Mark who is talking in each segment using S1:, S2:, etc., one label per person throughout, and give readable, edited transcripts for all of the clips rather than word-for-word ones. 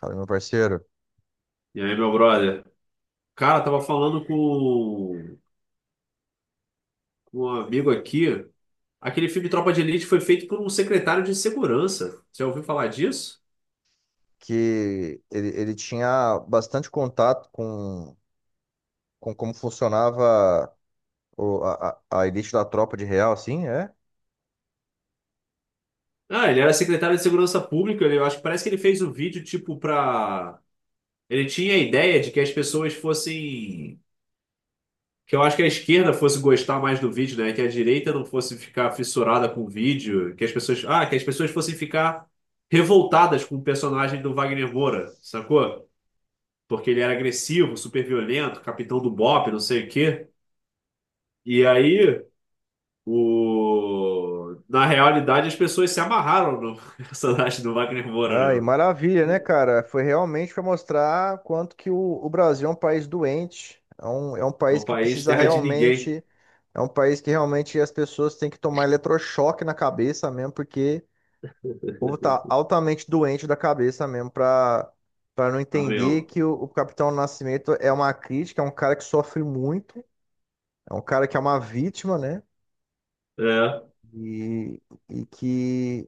S1: Fala, meu parceiro.
S2: E aí, meu brother? Cara, tava falando com um amigo aqui. Aquele filme Tropa de Elite foi feito por um secretário de segurança. Você já ouviu falar disso?
S1: Que ele tinha bastante contato com como funcionava a elite da tropa de real, assim, é?
S2: Ah, ele era secretário de segurança pública. Eu acho que parece que ele fez o vídeo tipo pra. Ele tinha a ideia de que as pessoas fossem. Que eu acho que a esquerda fosse gostar mais do vídeo, né? Que a direita não fosse ficar fissurada com o vídeo. Que as pessoas. Que as pessoas fossem ficar revoltadas com o personagem do Wagner Moura, sacou? Porque ele era agressivo, super violento, capitão do BOPE, não sei o quê. E aí, na realidade, as pessoas se amarraram no personagem do Wagner Moura,
S1: Ai,
S2: né?
S1: maravilha, né, cara? Foi realmente para mostrar quanto que o Brasil é um país doente, é um
S2: É
S1: país
S2: um
S1: que
S2: país
S1: precisa
S2: terra de ninguém,
S1: realmente, é um país que realmente as pessoas têm que tomar eletrochoque na cabeça mesmo, porque o povo tá altamente doente da cabeça mesmo pra não
S2: tá
S1: entender
S2: vendo?
S1: que o Capitão Nascimento é uma crítica, é um cara que sofre muito, é um cara que é uma vítima, né?
S2: É.
S1: E, e que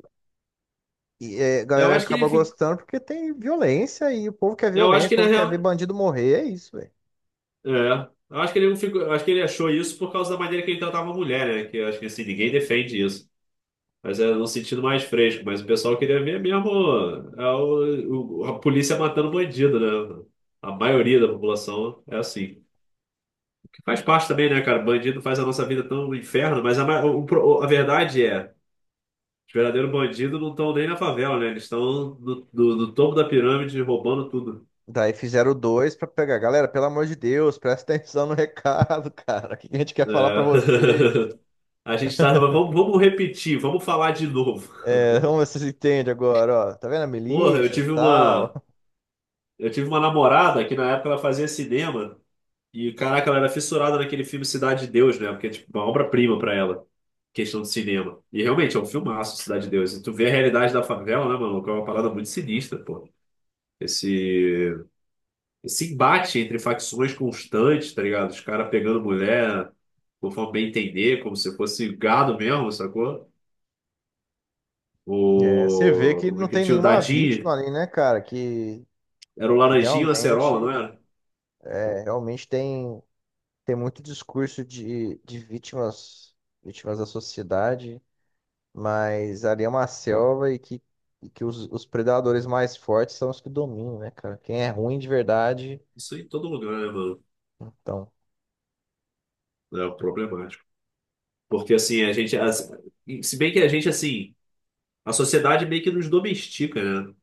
S1: e a
S2: Eu
S1: galera
S2: acho que ele
S1: acaba
S2: ficou.
S1: gostando porque tem violência e o povo quer
S2: Eu acho
S1: violência, o
S2: que na
S1: povo quer ver
S2: real.
S1: bandido morrer, é isso, velho.
S2: É. Eu acho que ele não ficou. Eu acho que ele achou isso por causa da maneira que ele tratava a mulher, né? Que eu acho que assim, ninguém defende isso. Mas é no sentido mais fresco. Mas o pessoal queria ver mesmo é a polícia matando bandido, né? A maioria da população é assim. Que faz parte também, né, cara? Bandido faz a nossa vida tão um inferno, mas a, ma- o- a verdade é, os verdadeiros bandidos não estão nem na favela, né? Eles estão no topo da pirâmide roubando tudo.
S1: Daí fizeram o dois pra pegar. Galera, pelo amor de Deus, presta atenção no recado, cara. O que a gente quer
S2: É.
S1: falar pra você?
S2: A gente tá. Mas vamos, repetir, vamos falar de novo.
S1: É, vamos ver se vocês entendem agora, ó. Tá vendo a
S2: Porra, eu
S1: milícia, e
S2: tive
S1: tal?
S2: uma. Eu tive uma namorada que na época ela fazia cinema. E caraca, ela era fissurada naquele filme Cidade de Deus, né? Porque é tipo uma obra-prima pra ela, questão de cinema. E realmente é um filmaço, Cidade de Deus. E tu vê a realidade da favela, né, mano? Que é uma parada muito sinistra, pô. Esse, esse embate entre facções constantes, tá ligado? Os caras pegando mulher, conforme bem entender, como se fosse gado mesmo, sacou?
S1: É, você vê
S2: O.
S1: que
S2: Como é
S1: não
S2: que é?
S1: tem
S2: Tinha o
S1: nenhuma vítima
S2: Dadinho?
S1: ali, né, cara? Que,
S2: Era o
S1: que
S2: Laranjinho e o Acerola, não era?
S1: realmente tem, muito discurso de vítimas da sociedade, mas ali é uma selva e que os predadores mais fortes são os que dominam, né, cara? Quem é ruim de verdade,
S2: Isso em todo lugar, né, mano?
S1: então,
S2: É problemático. Porque assim, a gente. Se bem que a gente, assim. A sociedade meio que nos domestica, né?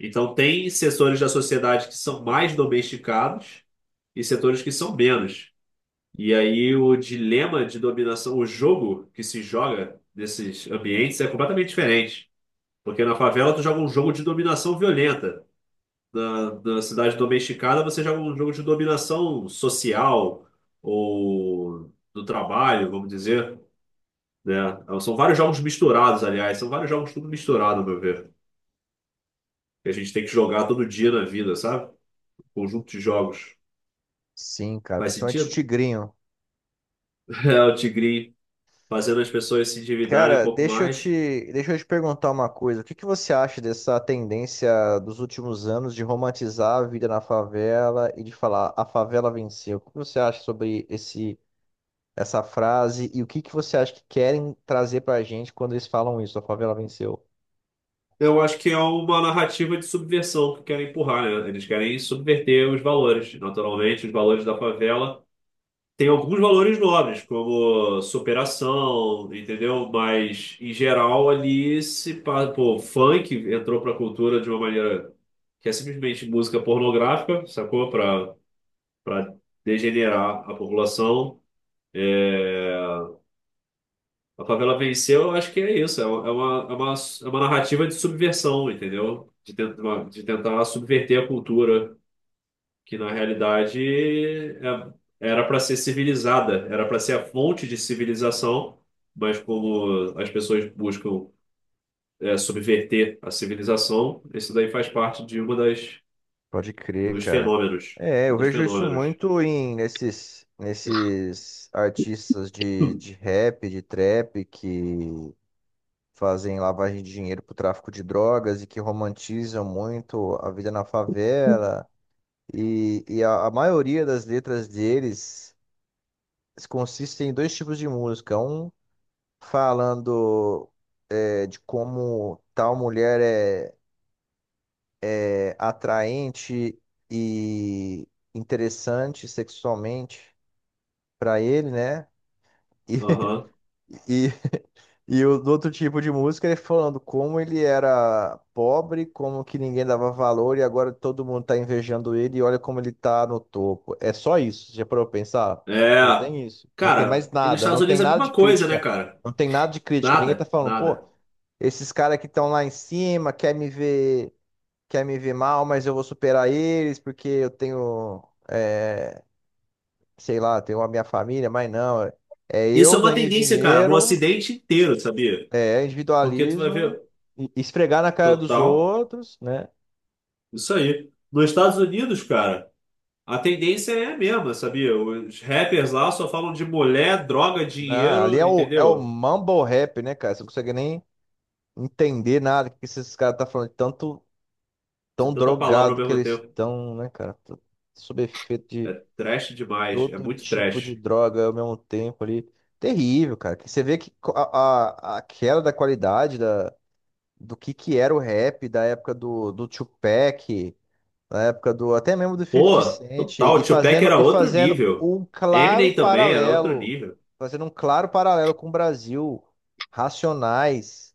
S2: Então, tem setores da sociedade que são mais domesticados e setores que são menos. E aí, o dilema de dominação, o jogo que se joga nesses ambientes é completamente diferente. Porque na favela, tu joga um jogo de dominação violenta. Na cidade domesticada, você joga um jogo de dominação social ou do trabalho, vamos dizer, né? São vários jogos misturados, aliás. São vários jogos tudo misturado, ao meu ver. Que a gente tem que jogar todo dia na vida, sabe? Conjunto de jogos.
S1: sim, cara,
S2: Faz
S1: principalmente
S2: sentido?
S1: tigrinho.
S2: É o Tigrinho fazendo as pessoas se endividarem um
S1: Cara,
S2: pouco
S1: deixa eu
S2: mais.
S1: te, deixa eu te perguntar uma coisa. O que que você acha dessa tendência dos últimos anos de romantizar a vida na favela e de falar a favela venceu? O que você acha sobre essa frase e o que que você acha que querem trazer pra gente quando eles falam isso, a favela venceu?
S2: Eu acho que é uma narrativa de subversão que querem empurrar, né? Eles querem subverter os valores. Naturalmente, os valores da favela têm alguns valores nobres, como superação, entendeu? Mas, em geral, ali se... pa- Pô, funk entrou pra cultura de uma maneira que é simplesmente música pornográfica, sacou? Pra para degenerar a população. A favela venceu, eu acho que é isso. É uma narrativa de subversão, entendeu? De tentar subverter a cultura, que na realidade era para ser civilizada, era para ser a fonte de civilização, mas como as pessoas buscam subverter a civilização, isso daí faz parte de uma das
S1: Pode crer,
S2: dos
S1: cara.
S2: fenômenos,
S1: É,
S2: um
S1: eu
S2: dos
S1: vejo isso
S2: fenômenos.
S1: muito nesses artistas de rap, de trap que fazem lavagem de dinheiro para o tráfico de drogas e que romantizam muito a vida na favela. E a maioria das letras deles consistem em dois tipos de música. Um falando, de como tal mulher é atraente e interessante sexualmente para ele, né? E,
S2: Aham.
S1: E o do outro tipo de música, ele falando como ele era pobre, como que ninguém dava valor e agora todo mundo tá invejando ele e olha como ele tá no topo. É só isso, já parou pra pensar? Só
S2: É,
S1: tem isso. Não tem mais
S2: cara, e nos
S1: nada,
S2: Estados
S1: não tem
S2: Unidos é a
S1: nada de
S2: mesma coisa, né,
S1: crítica.
S2: cara?
S1: Não tem nada de crítica. Ninguém tá
S2: Nada,
S1: falando, pô,
S2: nada.
S1: esses caras que estão lá em cima quer me ver mal, mas eu vou superar eles porque eu tenho, é, sei lá, tenho a minha família, mas não. É,
S2: Isso
S1: eu
S2: é uma
S1: ganhei
S2: tendência, cara, no
S1: dinheiro.
S2: Ocidente inteiro, sabia?
S1: É,
S2: Porque tu vai
S1: individualismo,
S2: ver,
S1: esfregar na cara dos
S2: total,
S1: outros, né?
S2: isso aí. Nos Estados Unidos, cara, a tendência é a mesma, sabia? Os rappers lá só falam de mulher, droga,
S1: Ah, ali é
S2: dinheiro,
S1: o, é o
S2: entendeu?
S1: mumble rap, né, cara? Você não consegue nem entender nada que esses caras estão falando, de tanto
S2: De
S1: tão
S2: tanta palavra ao
S1: drogado que
S2: mesmo
S1: eles
S2: tempo.
S1: estão, né, cara? Tô sob efeito de
S2: Trash demais, é
S1: todo
S2: muito
S1: tipo de
S2: trash.
S1: droga ao mesmo tempo ali. Terrível, cara. Que você vê que a queda da qualidade do que era o rap da época do Tupac. Na época do até mesmo do 50
S2: Pô,
S1: Cent e
S2: total, Tupac
S1: fazendo
S2: era
S1: e
S2: outro
S1: fazendo
S2: nível. Eminem também era outro nível.
S1: fazendo um claro paralelo com o Brasil, Racionais,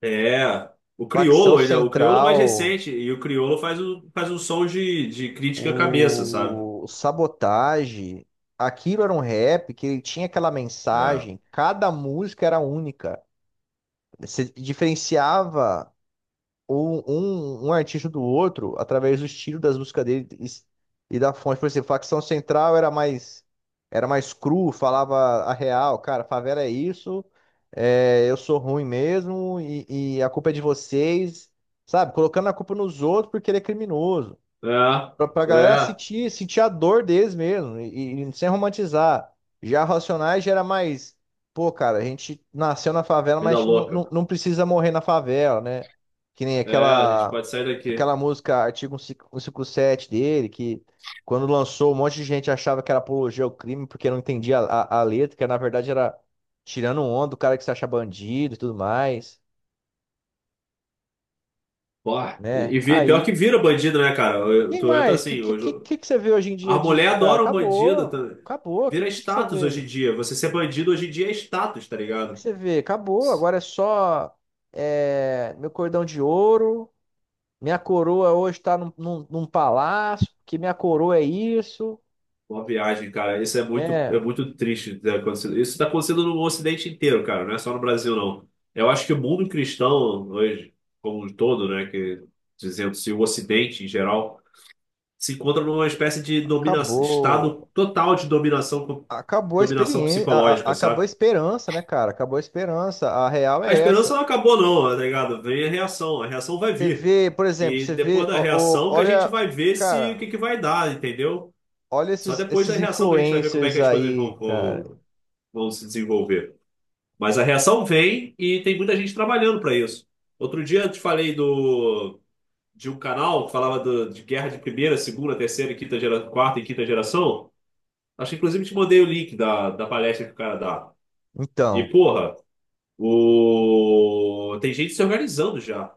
S2: É, o
S1: Facção
S2: Criolo ainda, o Criolo é mais
S1: Central,
S2: recente, e o Criolo faz um som de crítica à cabeça, sabe?
S1: o Sabotage, aquilo era um rap que ele tinha aquela
S2: É,
S1: mensagem, cada música era única. Você diferenciava um artista do outro através do estilo das músicas dele e da fonte. Por exemplo, Facção Central era mais cru, falava a real, cara, favela é isso, eu sou ruim mesmo e a culpa é de vocês, sabe? Colocando a culpa nos outros porque ele é criminoso. Pra
S2: é,
S1: galera
S2: é,
S1: sentir a dor deles mesmo, e sem romantizar. Já Racionais já era mais, pô, cara, a gente nasceu na favela, mas a
S2: vida
S1: gente não,
S2: louca.
S1: não, não precisa morrer na favela, né? Que nem
S2: É, a gente
S1: aquela,
S2: pode sair daqui.
S1: aquela música Artigo 157 dele, que quando lançou, um monte de gente achava que era apologia ao crime, porque não entendia a letra, que na verdade era tirando onda do cara que se acha bandido e tudo mais,
S2: Pô,
S1: né?
S2: pior
S1: Aí,
S2: que vira bandido, né, cara?
S1: quem
S2: Tu entra
S1: mais? O Que,
S2: assim,
S1: que,
S2: hoje.
S1: que, que que você vê hoje em
S2: A
S1: dia
S2: mulher
S1: disso, cara?
S2: adora um bandido
S1: Acabou.
S2: também.
S1: Acabou. O Que,
S2: Vira
S1: que, que você
S2: status hoje em
S1: vê?
S2: dia. Você ser bandido hoje em dia é status, tá
S1: O que
S2: ligado?
S1: você vê? Acabou. Agora é só meu cordão de ouro. Minha coroa hoje está num palácio, que minha coroa é isso,
S2: Uma viagem, cara. Isso é
S1: né?
S2: muito triste ter acontecido. Isso tá acontecendo no Ocidente inteiro, cara. Não é só no Brasil, não. Eu acho que o mundo cristão hoje, como um todo, né, que dizendo-se o Ocidente em geral. Se encontra numa espécie de
S1: Acabou,
S2: estado total de dominação,
S1: acabou a
S2: dominação
S1: experiência,
S2: psicológica,
S1: acabou a
S2: sabe?
S1: esperança, né, cara? Acabou a esperança. A real
S2: A
S1: é
S2: esperança
S1: essa.
S2: não acabou, não, tá ligado? Vem a reação vai
S1: Você
S2: vir.
S1: vê, por exemplo,
S2: E
S1: você
S2: depois
S1: vê,
S2: da
S1: ó,
S2: reação que a gente
S1: olha,
S2: vai ver se o
S1: cara,
S2: que que vai dar, entendeu?
S1: olha
S2: Só
S1: esses,
S2: depois da
S1: esses
S2: reação que a gente vai ver como é que
S1: influencers
S2: as coisas
S1: aí,
S2: vão,
S1: cara.
S2: vão, vão se desenvolver. Mas a reação vem e tem muita gente trabalhando para isso. Outro dia eu te falei de um canal que falava de guerra de primeira, segunda, terceira, e quinta gera, quarta e quinta geração. Acho que inclusive te mandei o link da palestra que o cara dá. E,
S1: Então.
S2: porra, tem gente se organizando já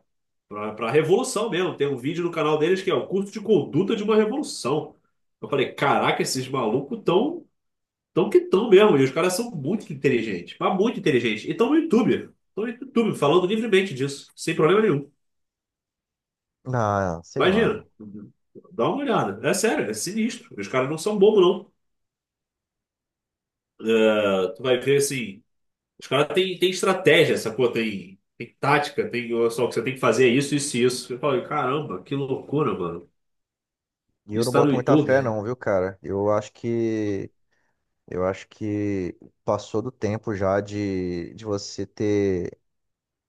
S2: pra revolução mesmo. Tem um vídeo no canal deles que é o curso de conduta de uma revolução. Eu falei, caraca, esses malucos tão mesmo. E os caras são muito inteligentes, mas muito inteligentes. E estão no YouTube. Estão no YouTube falando livremente disso, sem problema nenhum.
S1: Ah, sei lá,
S2: Imagina.
S1: não.
S2: Dá uma olhada. É sério, é sinistro. Os caras não são bobos, não. É, tu vai ver assim. Os caras têm estratégia, sacou? Tem tática, tem ó, só o que você tem que fazer é isso, isso e isso. Eu falo, caramba, que loucura, mano.
S1: E eu não
S2: Isso tá no
S1: boto muita fé
S2: YouTube.
S1: não, viu, cara? Eu acho que passou do tempo já de você ter,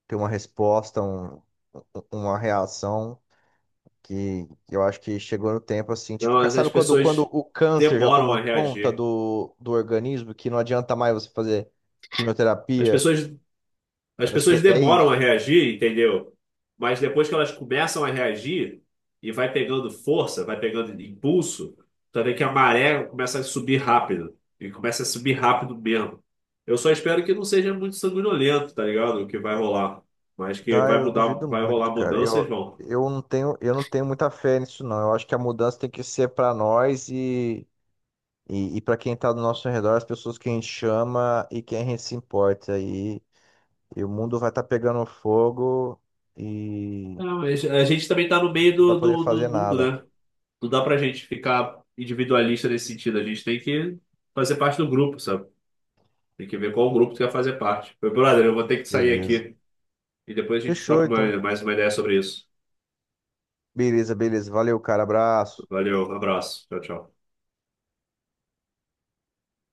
S1: ter uma resposta, um, uma reação que eu acho que chegou no tempo assim,
S2: Não,
S1: tipo,
S2: mas as
S1: sabe quando
S2: pessoas
S1: o câncer já
S2: demoram
S1: tomou
S2: a
S1: conta
S2: reagir.
S1: do organismo que não adianta mais você fazer
S2: As
S1: quimioterapia?
S2: pessoas As
S1: Eu acho
S2: pessoas
S1: que é
S2: demoram a
S1: isso.
S2: reagir, entendeu? Mas depois que elas começam a reagir e vai pegando força, vai pegando impulso, tu vê que a maré começa a subir rápido. E começa a subir rápido mesmo. Eu só espero que não seja muito sanguinolento, tá ligado? O que vai rolar. Mas que
S1: Ah,
S2: vai
S1: eu
S2: mudar,
S1: duvido
S2: vai rolar
S1: muito, cara.
S2: mudanças,
S1: Eu,
S2: vão.
S1: eu não tenho muita fé nisso, não. Eu acho que a mudança tem que ser para nós e para quem tá do nosso redor, as pessoas que a gente chama e quem a gente se importa. E o mundo vai estar pegando fogo e
S2: Não, mas a gente também tá no meio
S1: não vai
S2: do,
S1: poder
S2: do, do
S1: fazer
S2: mundo,
S1: nada.
S2: né? Não dá pra gente ficar individualista nesse sentido. A gente tem que fazer parte do grupo, sabe? Tem que ver qual grupo tu quer fazer parte. Meu brother, eu vou ter que sair
S1: Beleza.
S2: aqui e depois a gente
S1: Fechou,
S2: troca
S1: então.
S2: mais uma ideia sobre isso.
S1: Beleza, beleza. Valeu, cara. Abraço.
S2: Valeu, um abraço. Tchau, tchau.